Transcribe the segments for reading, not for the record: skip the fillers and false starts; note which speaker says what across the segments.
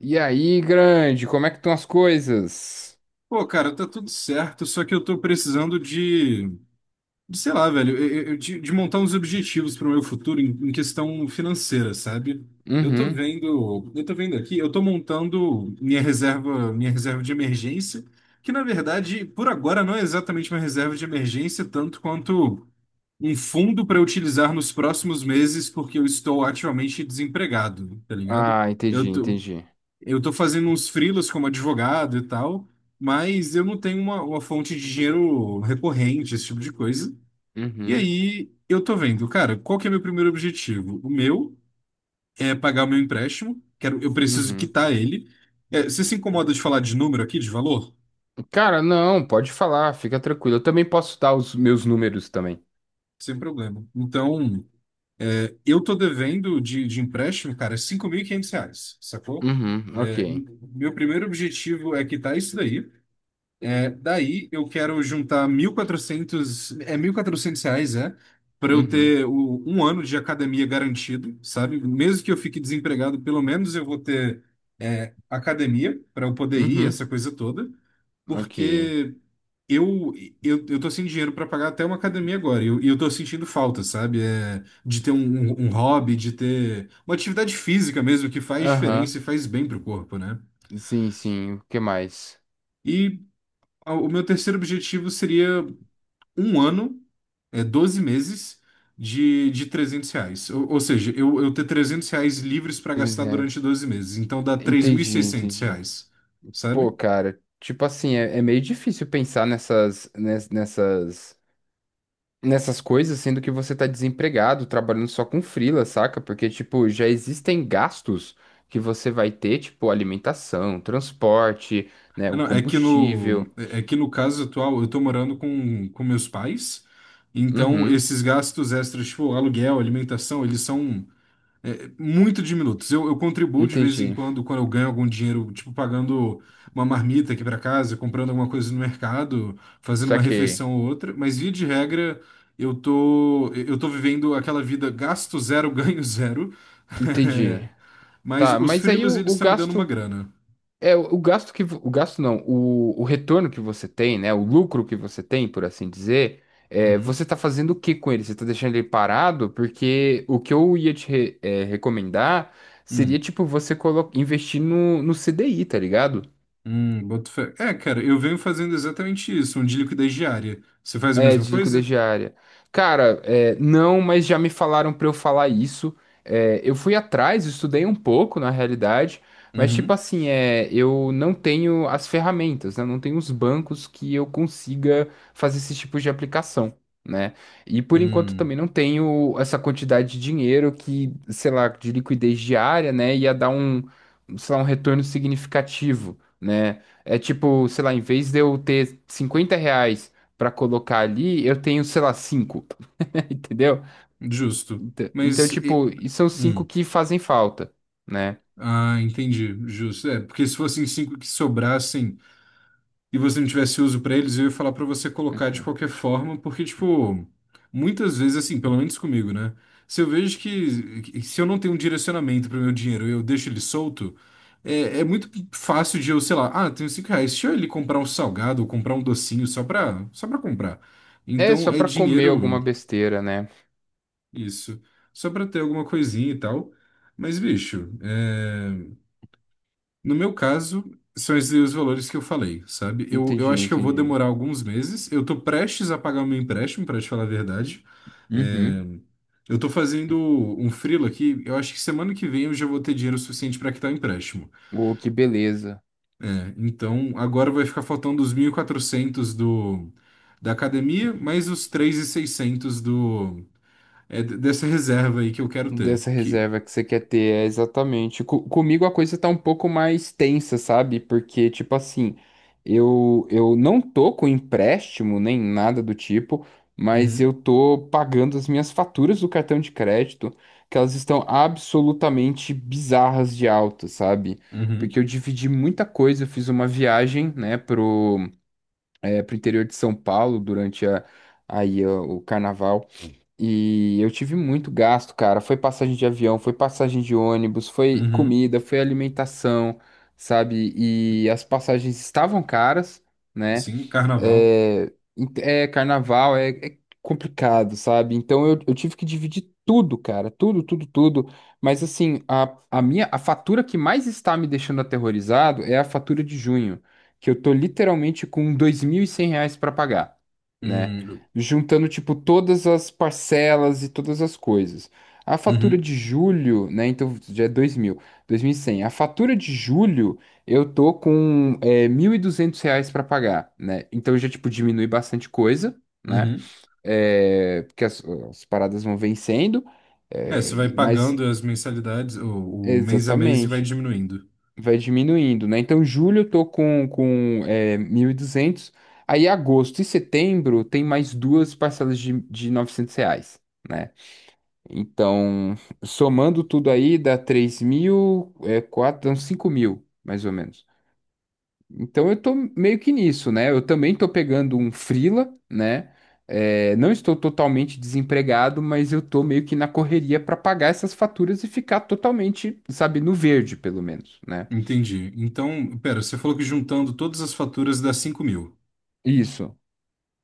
Speaker 1: E aí, grande, como é que estão as coisas?
Speaker 2: Pô, cara, tá tudo certo, só que eu tô precisando de sei lá, velho, de montar uns objetivos para o meu futuro em questão financeira, sabe? Eu tô
Speaker 1: Uhum.
Speaker 2: vendo, eu tô vendo aqui, eu tô montando minha reserva de emergência, que na verdade, por agora, não é exatamente uma reserva de emergência, tanto quanto um fundo para utilizar nos próximos meses, porque eu estou ativamente desempregado, tá ligado?
Speaker 1: Ah,
Speaker 2: Eu
Speaker 1: entendi,
Speaker 2: tô,
Speaker 1: entendi.
Speaker 2: eu tô fazendo uns freelas como advogado e tal, mas eu não tenho uma fonte de dinheiro recorrente, esse tipo de coisa. E
Speaker 1: Uhum,
Speaker 2: aí eu tô vendo, cara, qual que é meu primeiro objetivo? O meu é pagar o meu empréstimo, eu preciso
Speaker 1: uhum.
Speaker 2: quitar ele. É, você se incomoda de falar de número aqui, de valor?
Speaker 1: Cara, não, pode falar, fica tranquilo. Eu também posso dar os meus números também.
Speaker 2: Sem problema. Então, é, eu tô devendo de empréstimo, cara, R$ 5.500, sacou?
Speaker 1: Uhum, ok.
Speaker 2: É, meu primeiro objetivo é quitar isso daí. É, daí eu quero juntar mil e quatrocentos reais, para eu
Speaker 1: Uhum,
Speaker 2: ter um ano de academia garantido, sabe? Mesmo que eu fique desempregado, pelo menos eu vou ter academia para eu poder ir, essa
Speaker 1: uhum,
Speaker 2: coisa toda,
Speaker 1: ok.
Speaker 2: porque eu eu tô sem dinheiro para pagar até uma academia agora, e eu tô sentindo falta, sabe? É, de ter um hobby, de ter uma atividade física mesmo, que faz
Speaker 1: Aham,
Speaker 2: diferença e faz bem pro corpo, né?
Speaker 1: sim, sim, o que mais?
Speaker 2: E o meu terceiro objetivo seria um ano, é 12 meses de R$ 300. Ou seja, eu ter R$ 300 livres para gastar durante 12 meses. Então dá três mil e
Speaker 1: Entendi,
Speaker 2: seiscentos
Speaker 1: entendi.
Speaker 2: reais,
Speaker 1: Pô,
Speaker 2: sabe?
Speaker 1: cara, tipo assim, é meio difícil pensar nessas, ness- nessas nessas coisas, sendo que você tá desempregado, trabalhando só com freela, saca? Porque, tipo, já existem gastos que você vai ter, tipo, alimentação, transporte, né,
Speaker 2: Ah,
Speaker 1: o
Speaker 2: não, é que no,
Speaker 1: combustível.
Speaker 2: é é que no caso atual eu tô morando com meus pais. Então
Speaker 1: Uhum,
Speaker 2: esses gastos extras, tipo aluguel, alimentação, eles são. É, muito diminutos. Eu contribuo de vez em
Speaker 1: entendi.
Speaker 2: quando, quando eu ganho algum dinheiro, tipo pagando uma marmita aqui para casa, comprando alguma coisa no mercado, fazendo uma
Speaker 1: Saquei.
Speaker 2: refeição ou outra, mas via de regra, eu tô vivendo aquela vida gasto zero, ganho zero.
Speaker 1: Entendi.
Speaker 2: Mas
Speaker 1: Tá,
Speaker 2: os
Speaker 1: mas aí
Speaker 2: freelas,
Speaker 1: o,
Speaker 2: eles
Speaker 1: o
Speaker 2: estão me dando uma
Speaker 1: gasto.
Speaker 2: grana.
Speaker 1: É, o gasto que, o gasto não, o retorno que você tem, né, o lucro que você tem, por assim dizer,
Speaker 2: Uhum.
Speaker 1: você está fazendo o que com ele? Você está deixando ele parado? Porque o que eu ia te recomendar seria,
Speaker 2: Hum.
Speaker 1: tipo, você investir no CDI, tá ligado?
Speaker 2: Boto fé. É, cara, eu venho fazendo exatamente isso, um de liquidez diária. Você faz a
Speaker 1: É,
Speaker 2: mesma
Speaker 1: de liquidez
Speaker 2: coisa?
Speaker 1: diária. Cara, é, não, mas já me falaram pra eu falar isso. É, eu fui atrás, estudei um pouco, na realidade, mas tipo
Speaker 2: Uhum.
Speaker 1: assim, eu não tenho as ferramentas, né? Não tenho os bancos que eu consiga fazer esse tipo de aplicação, né? E por enquanto
Speaker 2: Hum.
Speaker 1: também não tenho essa quantidade de dinheiro que, sei lá, de liquidez diária, né? Ia dar um, sei lá, um retorno significativo, né? É tipo, sei lá, em vez de eu ter R$ 50 para colocar ali, eu tenho, sei lá, cinco, entendeu?
Speaker 2: Justo.
Speaker 1: Então,
Speaker 2: Mas.
Speaker 1: tipo, e são cinco
Speaker 2: Hum.
Speaker 1: que fazem falta, né?
Speaker 2: Ah, entendi, justo. É, porque se fossem cinco que sobrassem e você não tivesse uso pra eles, eu ia falar pra você colocar de
Speaker 1: Uhum.
Speaker 2: qualquer forma, porque, tipo, muitas vezes, assim, pelo menos comigo, né? Se eu vejo se eu não tenho um direcionamento pro meu dinheiro e eu deixo ele solto, é muito fácil de eu, sei lá, ah, tenho R$ 5, deixa eu ele comprar um salgado ou comprar um docinho só pra comprar.
Speaker 1: É
Speaker 2: Então,
Speaker 1: só
Speaker 2: é
Speaker 1: para comer
Speaker 2: dinheiro,
Speaker 1: alguma besteira, né?
Speaker 2: isso, só pra ter alguma coisinha e tal. Mas, bicho, é. No meu caso, são esses os valores que eu falei, sabe? Eu
Speaker 1: Entendi,
Speaker 2: acho que eu vou
Speaker 1: entendi.
Speaker 2: demorar alguns meses. Eu tô prestes a pagar o meu empréstimo, pra te falar a verdade. É,
Speaker 1: Uhum.
Speaker 2: eu tô fazendo um freelo aqui. Eu acho que semana que vem eu já vou ter dinheiro suficiente pra quitar o empréstimo,
Speaker 1: Oh, que beleza.
Speaker 2: né? Então, agora vai ficar faltando os 1.400 do da academia, mais os 3.600 do dessa reserva aí que eu quero ter.
Speaker 1: Dessa
Speaker 2: Que
Speaker 1: reserva que você quer ter, é exatamente. Comigo a coisa tá um pouco mais tensa, sabe? Porque, tipo assim, eu não tô com empréstimo nem nada do tipo, mas
Speaker 2: Uhum,
Speaker 1: eu tô pagando as minhas faturas do cartão de crédito, que elas estão absolutamente bizarras de alta, sabe? Porque
Speaker 2: uhum,
Speaker 1: eu dividi muita coisa, eu fiz uma viagem, né, pro interior de São Paulo durante aí, ó, o carnaval e eu tive muito gasto, cara. Foi passagem de avião, foi passagem de ônibus, foi
Speaker 2: uhum.
Speaker 1: comida, foi alimentação, sabe? E as passagens estavam caras, né?
Speaker 2: Sim, carnaval.
Speaker 1: É, é carnaval, é complicado, sabe? Então eu tive que dividir tudo, cara, tudo, tudo, tudo. Mas assim, a fatura que mais está me deixando aterrorizado é a fatura de junho, que eu tô literalmente com R$ 2.100 para pagar, né?
Speaker 2: Hum,
Speaker 1: Juntando, tipo, todas as parcelas e todas as coisas. A fatura
Speaker 2: uhum,
Speaker 1: de julho, né? Então já é dois dois mil, dois mil e cem. A fatura de julho eu tô com R$ 1.200 para pagar, né? Então já, tipo, diminui bastante coisa, né?
Speaker 2: uhum.
Speaker 1: É, porque as paradas vão vencendo,
Speaker 2: É, você vai
Speaker 1: mas
Speaker 2: pagando as mensalidades, o mês a mês e vai
Speaker 1: exatamente,
Speaker 2: diminuindo.
Speaker 1: vai diminuindo, né? Então julho eu tô com 1.200, aí agosto e setembro tem mais duas parcelas de R$ 900. Né? Então, somando tudo aí, dá 3 mil, é, quatro, dá dão 5 mil, mais ou menos. Então eu tô meio que nisso, né? Eu também tô pegando um freela, né? É, não estou totalmente desempregado, mas eu tô meio que na correria para pagar essas faturas e ficar totalmente, sabe, no verde, pelo menos, né?
Speaker 2: Entendi. Então, pera, você falou que juntando todas as faturas dá 5.000.
Speaker 1: Isso.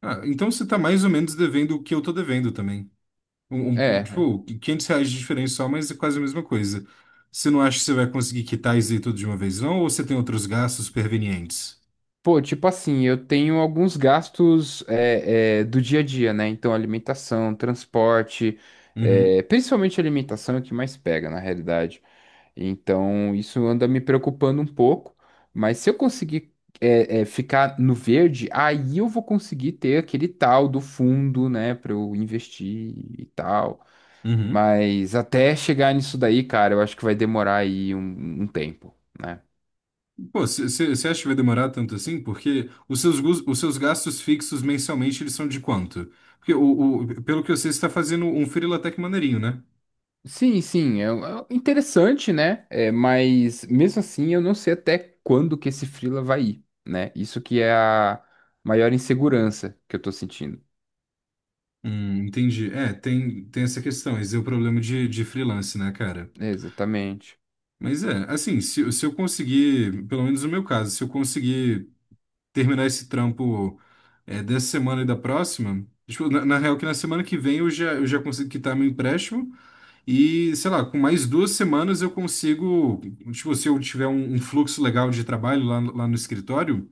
Speaker 2: Ah, então você tá mais ou menos devendo o que eu tô devendo também.
Speaker 1: É, é.
Speaker 2: Tipo, R$ 500 de diferença só, mas é quase a mesma coisa. Você não acha que você vai conseguir quitar isso aí tudo de uma vez, não? Ou você tem outros gastos pervenientes?
Speaker 1: Pô, tipo assim, eu tenho alguns gastos do dia a dia, né? Então, alimentação, transporte,
Speaker 2: Uhum,
Speaker 1: principalmente alimentação é o que mais pega, na realidade. Então, isso anda me preocupando um pouco, mas se eu conseguir ficar no verde, aí eu vou conseguir ter aquele tal do fundo, né, para eu investir e tal.
Speaker 2: uhum.
Speaker 1: Mas até chegar nisso daí, cara, eu acho que vai demorar aí um tempo, né?
Speaker 2: Pô, você acha que vai demorar tanto assim? Porque os seus gastos fixos mensalmente, eles são de quanto? Porque pelo que eu sei, você está fazendo um freela até que maneirinho, né?
Speaker 1: Sim, sim, é interessante, né? É, mas mesmo assim, eu não sei até quando que esse freela vai ir, né? Isso que é a maior insegurança que eu tô sentindo.
Speaker 2: Entendi. É, tem essa questão. Esse é o problema de freelance, né, cara?
Speaker 1: Exatamente.
Speaker 2: Mas é, assim, se eu conseguir, pelo menos no meu caso, se eu conseguir terminar esse trampo é, dessa semana e da próxima, tipo, na real que na semana que vem eu já consigo quitar meu empréstimo e, sei lá, com mais 2 semanas eu consigo, tipo, se eu tiver um fluxo legal de trabalho lá, lá no escritório,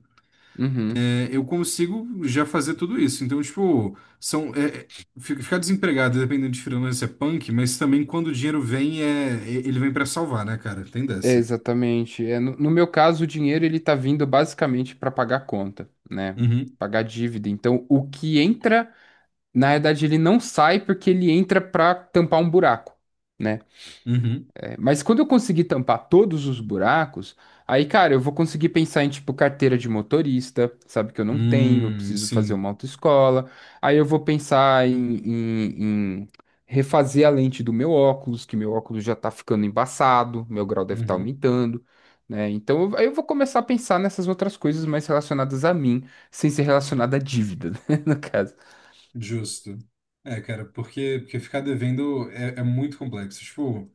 Speaker 1: Uhum.
Speaker 2: é, eu consigo já fazer tudo isso. Então, tipo, são, ficar desempregado, dependendo de freelancer, é punk, mas também quando o dinheiro vem, ele vem pra salvar, né, cara? Tem
Speaker 1: É,
Speaker 2: dessa.
Speaker 1: exatamente. É, no meu caso, o dinheiro ele está vindo basicamente para pagar conta, né?
Speaker 2: Uhum,
Speaker 1: Pagar dívida. Então, o que entra, na verdade, ele não sai porque ele entra para tampar um buraco, né?
Speaker 2: uhum.
Speaker 1: É, mas quando eu conseguir tampar todos os buracos, aí, cara, eu vou conseguir pensar em, tipo, carteira de motorista, sabe, que eu não tenho, eu preciso fazer
Speaker 2: Sim.
Speaker 1: uma autoescola. Aí eu vou pensar em refazer a lente do meu óculos, que meu óculos já tá ficando embaçado, meu grau deve estar
Speaker 2: Uhum,
Speaker 1: aumentando, né? Então, aí eu vou começar a pensar nessas outras coisas mais relacionadas a mim, sem ser relacionada à dívida, né, no caso.
Speaker 2: justo. É, cara, porque ficar devendo é muito complexo. Tipo,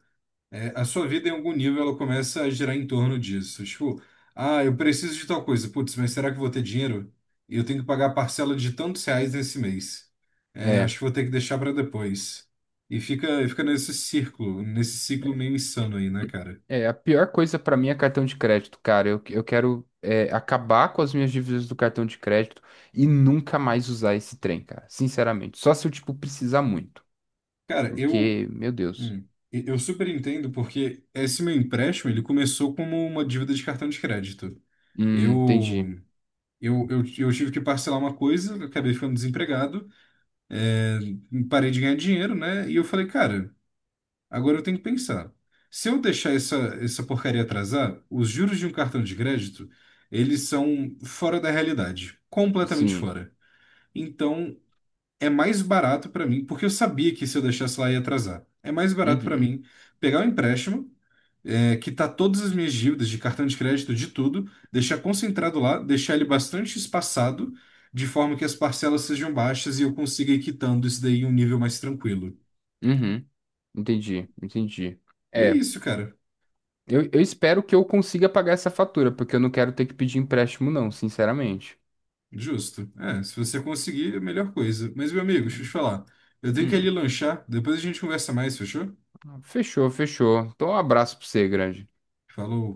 Speaker 2: é, a sua vida, em algum nível, ela começa a girar em torno disso. Tipo, ah, eu preciso de tal coisa. Putz, mas será que eu vou ter dinheiro? E eu tenho que pagar a parcela de tantos reais nesse mês. É, acho
Speaker 1: É,
Speaker 2: que vou ter que deixar para depois. E fica nesse círculo, nesse ciclo meio insano aí, né, cara?
Speaker 1: É, a pior coisa pra mim é cartão de crédito, cara. Eu quero acabar com as minhas dívidas do cartão de crédito e nunca mais usar esse trem, cara. Sinceramente. Só se eu, tipo, precisar muito.
Speaker 2: Cara, eu,
Speaker 1: Porque, meu Deus.
Speaker 2: hum, eu super entendo porque esse meu empréstimo, ele começou como uma dívida de cartão de crédito. Eu,
Speaker 1: Entendi.
Speaker 2: eu tive que parcelar uma coisa, eu acabei ficando desempregado. É, parei de ganhar dinheiro, né? E eu falei, cara, agora eu tenho que pensar. Se eu deixar essa porcaria atrasar, os juros de um cartão de crédito, eles são fora da realidade, completamente
Speaker 1: Sim.
Speaker 2: fora. Então, é mais barato para mim, porque eu sabia que se eu deixasse lá ia atrasar. É mais barato para
Speaker 1: Uhum.
Speaker 2: mim pegar o empréstimo, quitar todas as minhas dívidas de cartão de crédito, de tudo, deixar concentrado lá, deixar ele bastante espaçado, de forma que as parcelas sejam baixas e eu consiga ir quitando isso daí em um nível mais tranquilo.
Speaker 1: Uhum. Entendi. Entendi.
Speaker 2: E é
Speaker 1: É,
Speaker 2: isso, cara.
Speaker 1: eu espero que eu consiga pagar essa fatura, porque eu não quero ter que pedir empréstimo, não, sinceramente.
Speaker 2: Justo. É, se você conseguir, é a melhor coisa. Mas, meu amigo, deixa eu te
Speaker 1: Hum.
Speaker 2: falar. Eu tenho que ir ali
Speaker 1: Hum.
Speaker 2: lanchar, depois a gente conversa mais, fechou?
Speaker 1: Fechou, fechou. Então, um abraço pra você, grande.
Speaker 2: Falou.